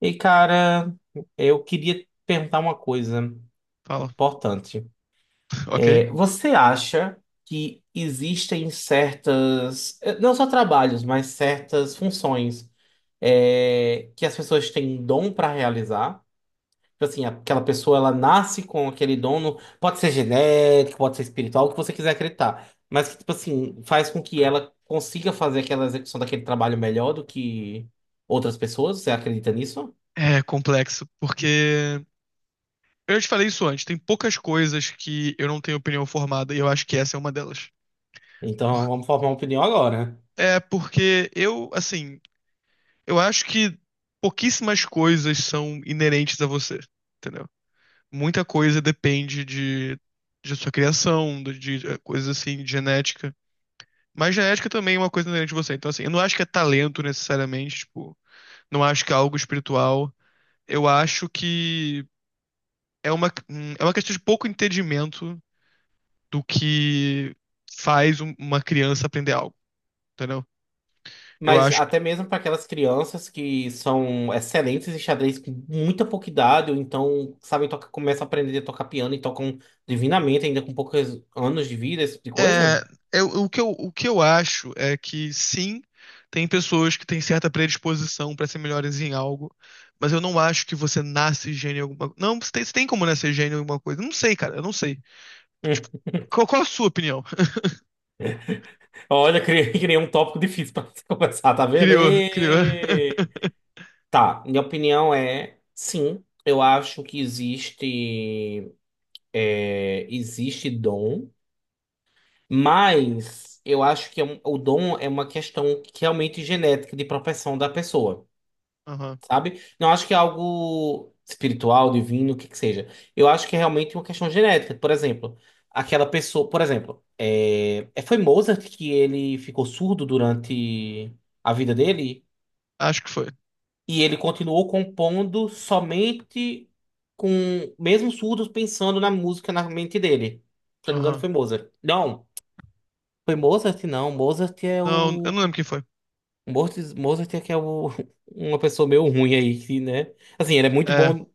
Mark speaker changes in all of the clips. Speaker 1: E cara, eu queria perguntar uma coisa
Speaker 2: Fala.
Speaker 1: importante.
Speaker 2: Ok.
Speaker 1: Você acha que existem certas, não só trabalhos, mas certas funções, que as pessoas têm dom para realizar? Tipo assim, aquela pessoa ela nasce com aquele dom, pode ser genético, pode ser espiritual, o que você quiser acreditar, mas que tipo assim faz com que ela consiga fazer aquela execução daquele trabalho melhor do que outras pessoas. Você acredita nisso?
Speaker 2: É complexo, porque eu já te falei isso antes, tem poucas coisas que eu não tenho opinião formada e eu acho que essa é uma delas.
Speaker 1: Então
Speaker 2: Por-
Speaker 1: vamos formar uma opinião agora.
Speaker 2: É porque eu, assim, eu acho que pouquíssimas coisas são inerentes a você, entendeu? Muita coisa depende de sua criação, de coisas assim, de genética. Mas genética também é uma coisa inerente a você. Então, assim, eu não acho que é talento necessariamente, tipo, não acho que é algo espiritual. Eu acho que é uma questão de pouco entendimento do que faz uma criança aprender algo, entendeu? Eu
Speaker 1: Mas
Speaker 2: acho que.
Speaker 1: até mesmo para aquelas crianças que são excelentes em xadrez com muita pouca idade, ou então sabem tocar, começam a aprender a tocar piano e tocam divinamente, ainda com poucos anos de vida, esse tipo de
Speaker 2: É,
Speaker 1: coisa.
Speaker 2: o que eu acho é que sim, tem pessoas que têm certa predisposição para ser melhores em algo, mas eu não acho que você nasce gênio em alguma coisa. Não, você tem como nascer gênio em alguma coisa. Eu não sei, cara, eu não sei.
Speaker 1: Hum.
Speaker 2: Qual a sua opinião?
Speaker 1: Olha, criei, criei um tópico difícil para começar, tá vendo?
Speaker 2: Criou, criou.
Speaker 1: E. Tá, minha opinião é sim, eu acho que existe dom. Mas eu acho que o dom é uma questão que realmente genética de propensão da pessoa,
Speaker 2: Aham,
Speaker 1: sabe? Não acho que é algo espiritual, divino, o que que seja. Eu acho que é realmente uma questão genética. Por exemplo, aquela pessoa, por exemplo, foi Mozart que ele ficou surdo durante a vida dele
Speaker 2: acho que foi.
Speaker 1: e ele continuou compondo somente com mesmo surdo pensando na música na mente dele. Se eu não me engano,
Speaker 2: Aham.
Speaker 1: foi Mozart. Não. Foi Mozart? Não, Mozart é
Speaker 2: Não, eu
Speaker 1: o.
Speaker 2: não lembro quem foi.
Speaker 1: Mozart, Mozart é que é o. Uma pessoa meio ruim aí, que, né? Assim, ele é muito
Speaker 2: É,
Speaker 1: bom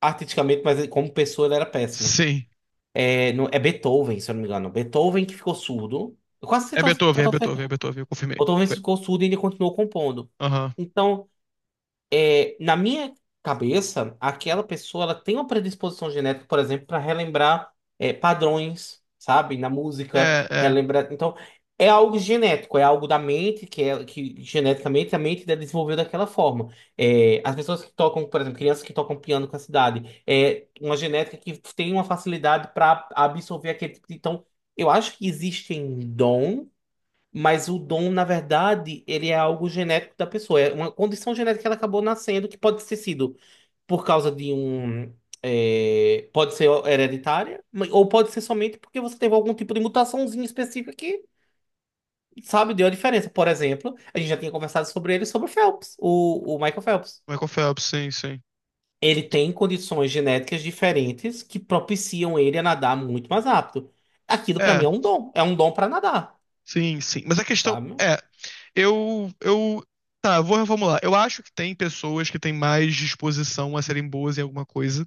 Speaker 1: artisticamente, mas como pessoa ele era péssimo.
Speaker 2: sim.
Speaker 1: É Beethoven, se eu não me engano. Beethoven que ficou surdo. Eu quase
Speaker 2: É
Speaker 1: total,
Speaker 2: Beethoven, é
Speaker 1: total
Speaker 2: Beethoven, é
Speaker 1: certo.
Speaker 2: Beethoven, eu confirmei.
Speaker 1: Beethoven ficou surdo e ele continuou compondo.
Speaker 2: Aham.
Speaker 1: Então, na minha cabeça, aquela pessoa ela tem uma predisposição genética, por exemplo, para relembrar padrões, sabe, na música,
Speaker 2: É, é.
Speaker 1: relembrar. Então, é algo genético, é algo da mente que é que geneticamente a mente dela desenvolveu daquela forma. As pessoas que tocam, por exemplo, crianças que tocam piano com essa idade, é uma genética que tem uma facilidade para absorver aquele tipo de. Então, eu acho que existem dons, mas o dom, na verdade, ele é algo genético da pessoa. É uma condição genética que ela acabou nascendo, que pode ter sido por causa de um. Pode ser hereditária, ou pode ser somente porque você teve algum tipo de mutaçãozinha específica que, sabe, deu a diferença. Por exemplo, a gente já tinha conversado sobre ele, sobre o Phelps, o Michael Phelps.
Speaker 2: Michael Phelps, sim, sim.
Speaker 1: Ele tem condições genéticas diferentes que propiciam ele a nadar muito mais rápido. Aquilo, pra mim,
Speaker 2: É,
Speaker 1: é um dom. É um dom pra nadar,
Speaker 2: sim, sim. Mas a questão
Speaker 1: sabe?
Speaker 2: é, eu, eu, tá, vou reformular. Eu acho que tem pessoas que têm mais disposição a serem boas em alguma coisa,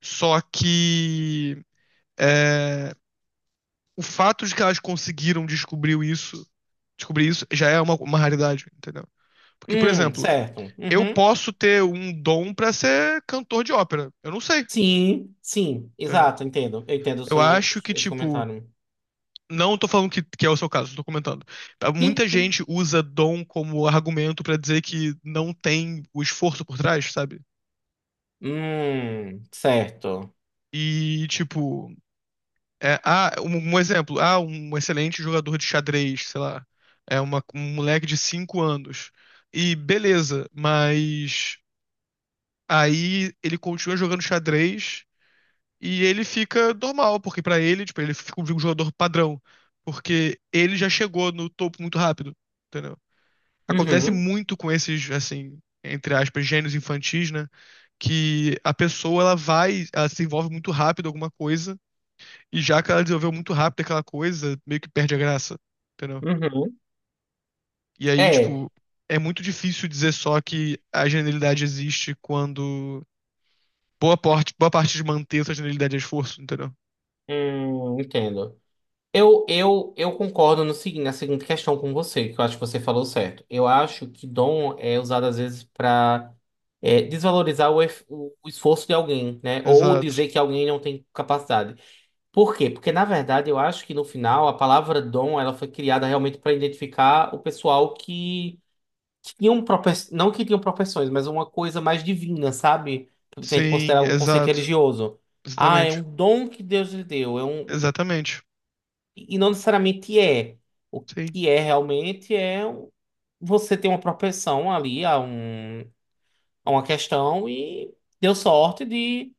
Speaker 2: só que é, o fato de que elas conseguiram descobrir isso já é uma raridade, entendeu? Porque, por exemplo,
Speaker 1: Certo.
Speaker 2: eu
Speaker 1: Uhum.
Speaker 2: posso ter um dom pra ser cantor de ópera. Eu não sei,
Speaker 1: Sim, sim,
Speaker 2: entendeu?
Speaker 1: exato, entendo. Eu entendo o
Speaker 2: Eu
Speaker 1: seu,
Speaker 2: acho que,
Speaker 1: esse
Speaker 2: tipo,
Speaker 1: comentário.
Speaker 2: não tô falando que é o seu caso, tô comentando. Tá,
Speaker 1: Sim.
Speaker 2: muita gente usa dom como argumento pra dizer que não tem o esforço por trás, sabe?
Speaker 1: Certo.
Speaker 2: E, tipo, é, ah, um exemplo, ah, um excelente jogador de xadrez, sei lá, é um moleque de 5 anos. E beleza, mas aí ele continua jogando xadrez e ele fica normal, porque pra ele, tipo, ele fica um jogador padrão, porque ele já chegou no topo muito rápido, entendeu? Acontece
Speaker 1: Uhum,
Speaker 2: muito com esses, assim, entre aspas, gênios infantis, né? Que a pessoa ela se envolve muito rápido em alguma coisa, e já que ela desenvolveu muito rápido aquela coisa, meio que perde a graça, entendeu?
Speaker 1: uhum.
Speaker 2: E aí,
Speaker 1: É,
Speaker 2: tipo, é muito difícil dizer só que a genialidade existe quando boa parte de manter essa genialidade é esforço, entendeu?
Speaker 1: entendo. Eu concordo no seguinte, na seguinte questão com você, que eu acho que você falou certo. Eu acho que dom é usado às vezes para desvalorizar o, ef- o esforço de alguém, né? Ou
Speaker 2: Exato.
Speaker 1: dizer que alguém não tem capacidade. Por quê? Porque, na verdade, eu acho que no final a palavra dom ela foi criada realmente para identificar o pessoal que tinham propensões, não que tinham propensões, mas uma coisa mais divina, sabe? Se a gente
Speaker 2: Sim,
Speaker 1: considerar o conceito
Speaker 2: exato.
Speaker 1: religioso. Ah, é um
Speaker 2: Exatamente.
Speaker 1: dom que Deus lhe deu, é um.
Speaker 2: Exatamente.
Speaker 1: E não necessariamente é. O
Speaker 2: Sim.
Speaker 1: que é realmente é você ter uma propensão ali a, a uma questão e deu sorte de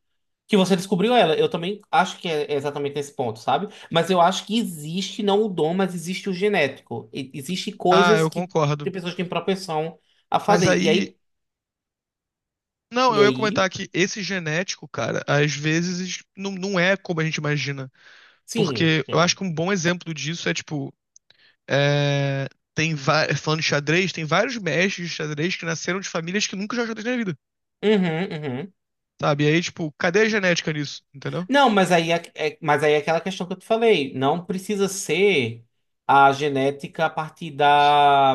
Speaker 1: que você descobriu ela. Eu também acho que é exatamente nesse ponto, sabe? Mas eu acho que existe não o dom, mas existe o genético. Existe
Speaker 2: Ah,
Speaker 1: coisas
Speaker 2: eu
Speaker 1: que
Speaker 2: concordo.
Speaker 1: tem pessoas que têm propensão a
Speaker 2: Mas
Speaker 1: fazer. E
Speaker 2: aí
Speaker 1: aí
Speaker 2: Não,
Speaker 1: E
Speaker 2: eu ia comentar
Speaker 1: aí,
Speaker 2: que esse genético, cara, às vezes não é como a gente imagina.
Speaker 1: sim.
Speaker 2: Porque eu acho
Speaker 1: Sim.
Speaker 2: que um bom exemplo disso é, tipo, é, tem falando de xadrez, tem vários mestres de xadrez que nasceram de famílias que nunca jogaram xadrez na vida,
Speaker 1: Uhum, uhum.
Speaker 2: sabe? E aí, tipo, cadê a genética nisso, entendeu?
Speaker 1: Não, mas aí é aquela questão que eu te falei. Não precisa ser a genética a partir da,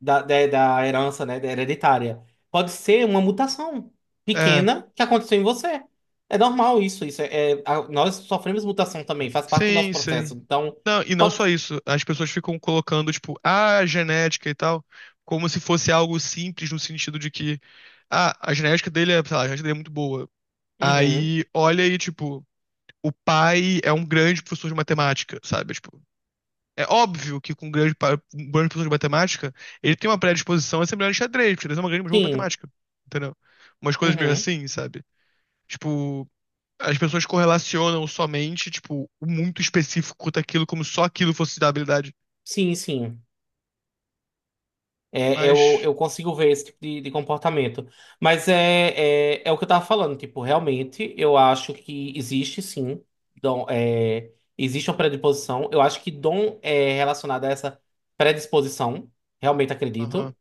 Speaker 1: da, da, da herança, né, da hereditária. Pode ser uma mutação
Speaker 2: É,
Speaker 1: pequena que aconteceu em você. É normal isso. Isso é, nós sofremos mutação também, faz parte do nosso
Speaker 2: sim,
Speaker 1: processo.
Speaker 2: sim.
Speaker 1: Então,
Speaker 2: Não, e não
Speaker 1: pode.
Speaker 2: só isso, as pessoas ficam colocando, tipo, "Ah, a genética e tal, como se fosse algo simples, no sentido de que, ah, a genética dele é, sei lá, a genética dele é muito boa.
Speaker 1: Uhum,
Speaker 2: Aí, olha aí, tipo, o pai é um grande professor de matemática, sabe? Tipo, é óbvio que com um grande professor de matemática, ele tem uma predisposição a ser melhor em xadrez, porque xadrez é uma grande jogo de
Speaker 1: sim.
Speaker 2: matemática, entendeu? Umas coisas meio
Speaker 1: Uhum,
Speaker 2: assim, sabe? Tipo, as pessoas correlacionam somente, tipo, o muito específico daquilo, como só aquilo fosse da habilidade.
Speaker 1: sim, sim. É, eu,
Speaker 2: Mas,
Speaker 1: eu consigo ver esse tipo de comportamento. Mas é o que eu tava falando, tipo, realmente eu acho que existe sim, dom, existe uma predisposição. Eu acho que dom é relacionado a essa predisposição, realmente
Speaker 2: aham,
Speaker 1: acredito.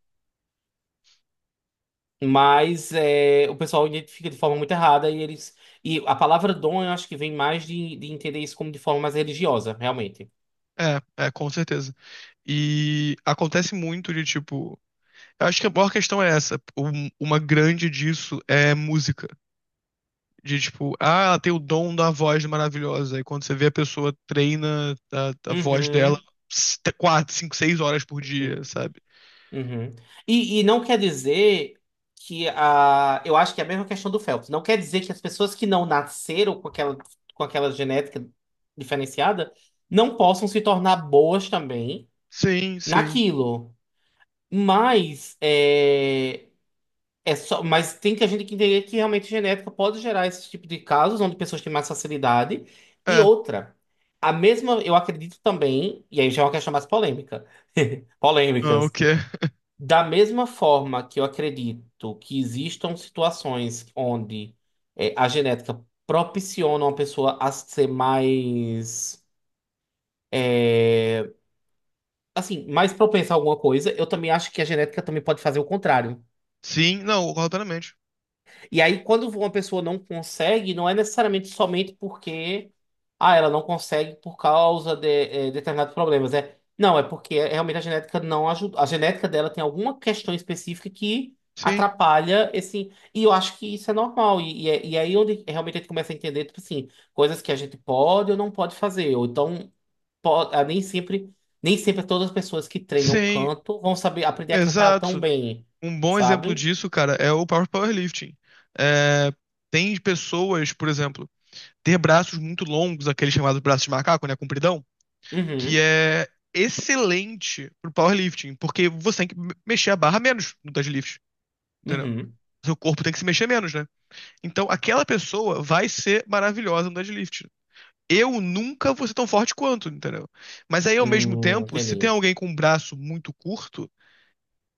Speaker 1: Mas o pessoal identifica de forma muito errada e eles. E a palavra dom eu acho que vem mais de entender isso como de forma mais religiosa, realmente.
Speaker 2: com certeza. E acontece muito de, tipo, eu acho que a maior questão é essa. Uma grande disso é música. De tipo, ah, ela tem o dom da voz maravilhosa. E quando você vê a pessoa treina a voz dela
Speaker 1: Uhum,
Speaker 2: 4, 5, 6 horas por dia,
Speaker 1: uhum.
Speaker 2: sabe?
Speaker 1: Uhum. E não quer dizer que a. Eu acho que é a mesma questão do Phelps. Não quer dizer que as pessoas que não nasceram com aquela genética diferenciada não possam se tornar boas também
Speaker 2: Sim, sim.
Speaker 1: naquilo. Mas é só, mas tem que a gente que entender que realmente genética pode gerar esse tipo de casos onde pessoas têm mais facilidade. E
Speaker 2: É.
Speaker 1: outra, a mesma, eu acredito também, e aí já é uma questão mais polêmica.
Speaker 2: Ah, o
Speaker 1: Polêmicas.
Speaker 2: quê?
Speaker 1: Da mesma forma que eu acredito que existam situações onde a genética propiciona uma pessoa a ser mais, assim, mais propensa a alguma coisa, eu também acho que a genética também pode fazer o contrário.
Speaker 2: Sim, não, completamente.
Speaker 1: E aí, quando uma pessoa não consegue, não é necessariamente somente porque ela não consegue por causa de determinados problemas, né? Não, é porque realmente a genética não ajuda. A genética dela tem alguma questão específica que
Speaker 2: Sim,
Speaker 1: atrapalha esse. E, eu acho que isso é normal. E, e é aí onde realmente a gente começa a entender, tipo assim, coisas que a gente pode ou não pode fazer. Ou então, pode, nem sempre todas as pessoas que treinam
Speaker 2: sim,
Speaker 1: canto vão saber aprender a cantar tão
Speaker 2: exato.
Speaker 1: bem,
Speaker 2: Um bom exemplo
Speaker 1: sabe?
Speaker 2: disso, cara, é o powerlifting. É, tem pessoas, por exemplo, ter braços muito longos, aquele chamado braço de macaco, né? Compridão. Que
Speaker 1: Uhum,
Speaker 2: é excelente pro powerlifting, porque você tem que mexer a barra menos no deadlift, entendeu?
Speaker 1: uhum.
Speaker 2: Seu corpo tem que se mexer menos, né? Então, aquela pessoa vai ser maravilhosa no deadlift. Eu nunca vou ser tão forte quanto, entendeu? Mas aí, ao mesmo tempo, se tem
Speaker 1: Entendi.
Speaker 2: alguém com um braço muito curto,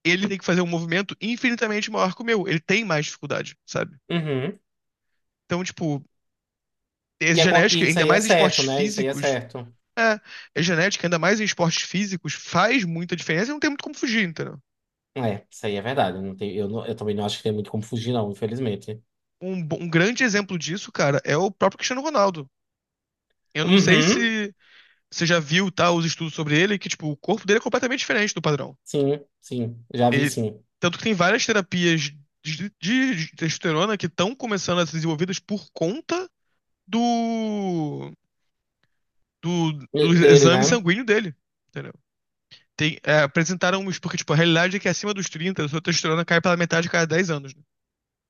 Speaker 2: ele tem que fazer um movimento infinitamente maior que o meu. Ele tem mais dificuldade, sabe?
Speaker 1: Uhum.
Speaker 2: Então, tipo, é
Speaker 1: E, e
Speaker 2: genética,
Speaker 1: isso
Speaker 2: ainda
Speaker 1: aí é
Speaker 2: mais em
Speaker 1: certo,
Speaker 2: esportes
Speaker 1: né? Isso aí é
Speaker 2: físicos,
Speaker 1: certo.
Speaker 2: é, é genética, ainda mais em esportes físicos, faz muita diferença e não tem muito como fugir, entendeu?
Speaker 1: É, isso aí é verdade. Não tem, eu também não acho que tem muito como fugir, não, infelizmente.
Speaker 2: Um grande exemplo disso, cara, é o próprio Cristiano Ronaldo. Eu não sei
Speaker 1: Uhum.
Speaker 2: se você já viu, tá, os estudos sobre ele, que, tipo, o corpo dele é completamente diferente do padrão.
Speaker 1: Sim, sim. Já vi,
Speaker 2: Ele,
Speaker 1: sim.
Speaker 2: tanto que tem várias terapias de testosterona que estão começando a ser desenvolvidas por conta do, do, do
Speaker 1: Dele,
Speaker 2: exame
Speaker 1: né?
Speaker 2: sanguíneo dele, entendeu? Apresentaram isso porque, tipo, a realidade é que acima dos 30 a sua testosterona cai pela metade a cada 10 anos, né?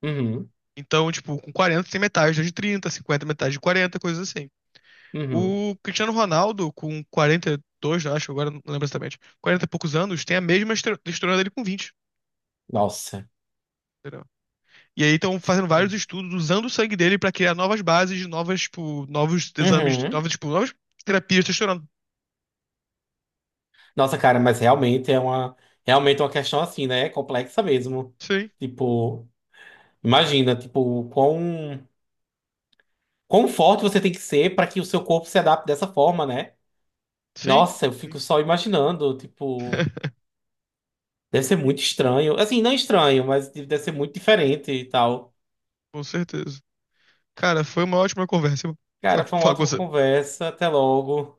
Speaker 1: Uhum.
Speaker 2: Então, tipo, com 40 tem metade de 30, 50 metade de 40, coisas assim.
Speaker 1: Uhum.
Speaker 2: O Cristiano Ronaldo, com 42, eu acho, agora não lembro exatamente, 40 e poucos anos, tem a mesma estrutura dele com 20.
Speaker 1: Nossa.
Speaker 2: Entendeu? E aí estão fazendo vários estudos usando o sangue dele pra criar novas bases, novas, tipo, novos exames,
Speaker 1: Uhum.
Speaker 2: novas, tipo, novas terapias de testosterona.
Speaker 1: Nossa, cara, mas realmente é uma questão assim, né? Complexa mesmo.
Speaker 2: Sim,
Speaker 1: Tipo, imagina, tipo, quão forte você tem que ser para que o seu corpo se adapte dessa forma, né?
Speaker 2: sim,
Speaker 1: Nossa, eu fico
Speaker 2: sim,
Speaker 1: só imaginando, tipo, deve ser muito estranho. Assim, não estranho, mas deve ser muito diferente e tal.
Speaker 2: com certeza. Cara, foi uma ótima conversa.
Speaker 1: Cara,
Speaker 2: Forte
Speaker 1: foi uma
Speaker 2: falar com
Speaker 1: ótima
Speaker 2: você.
Speaker 1: conversa. Até logo.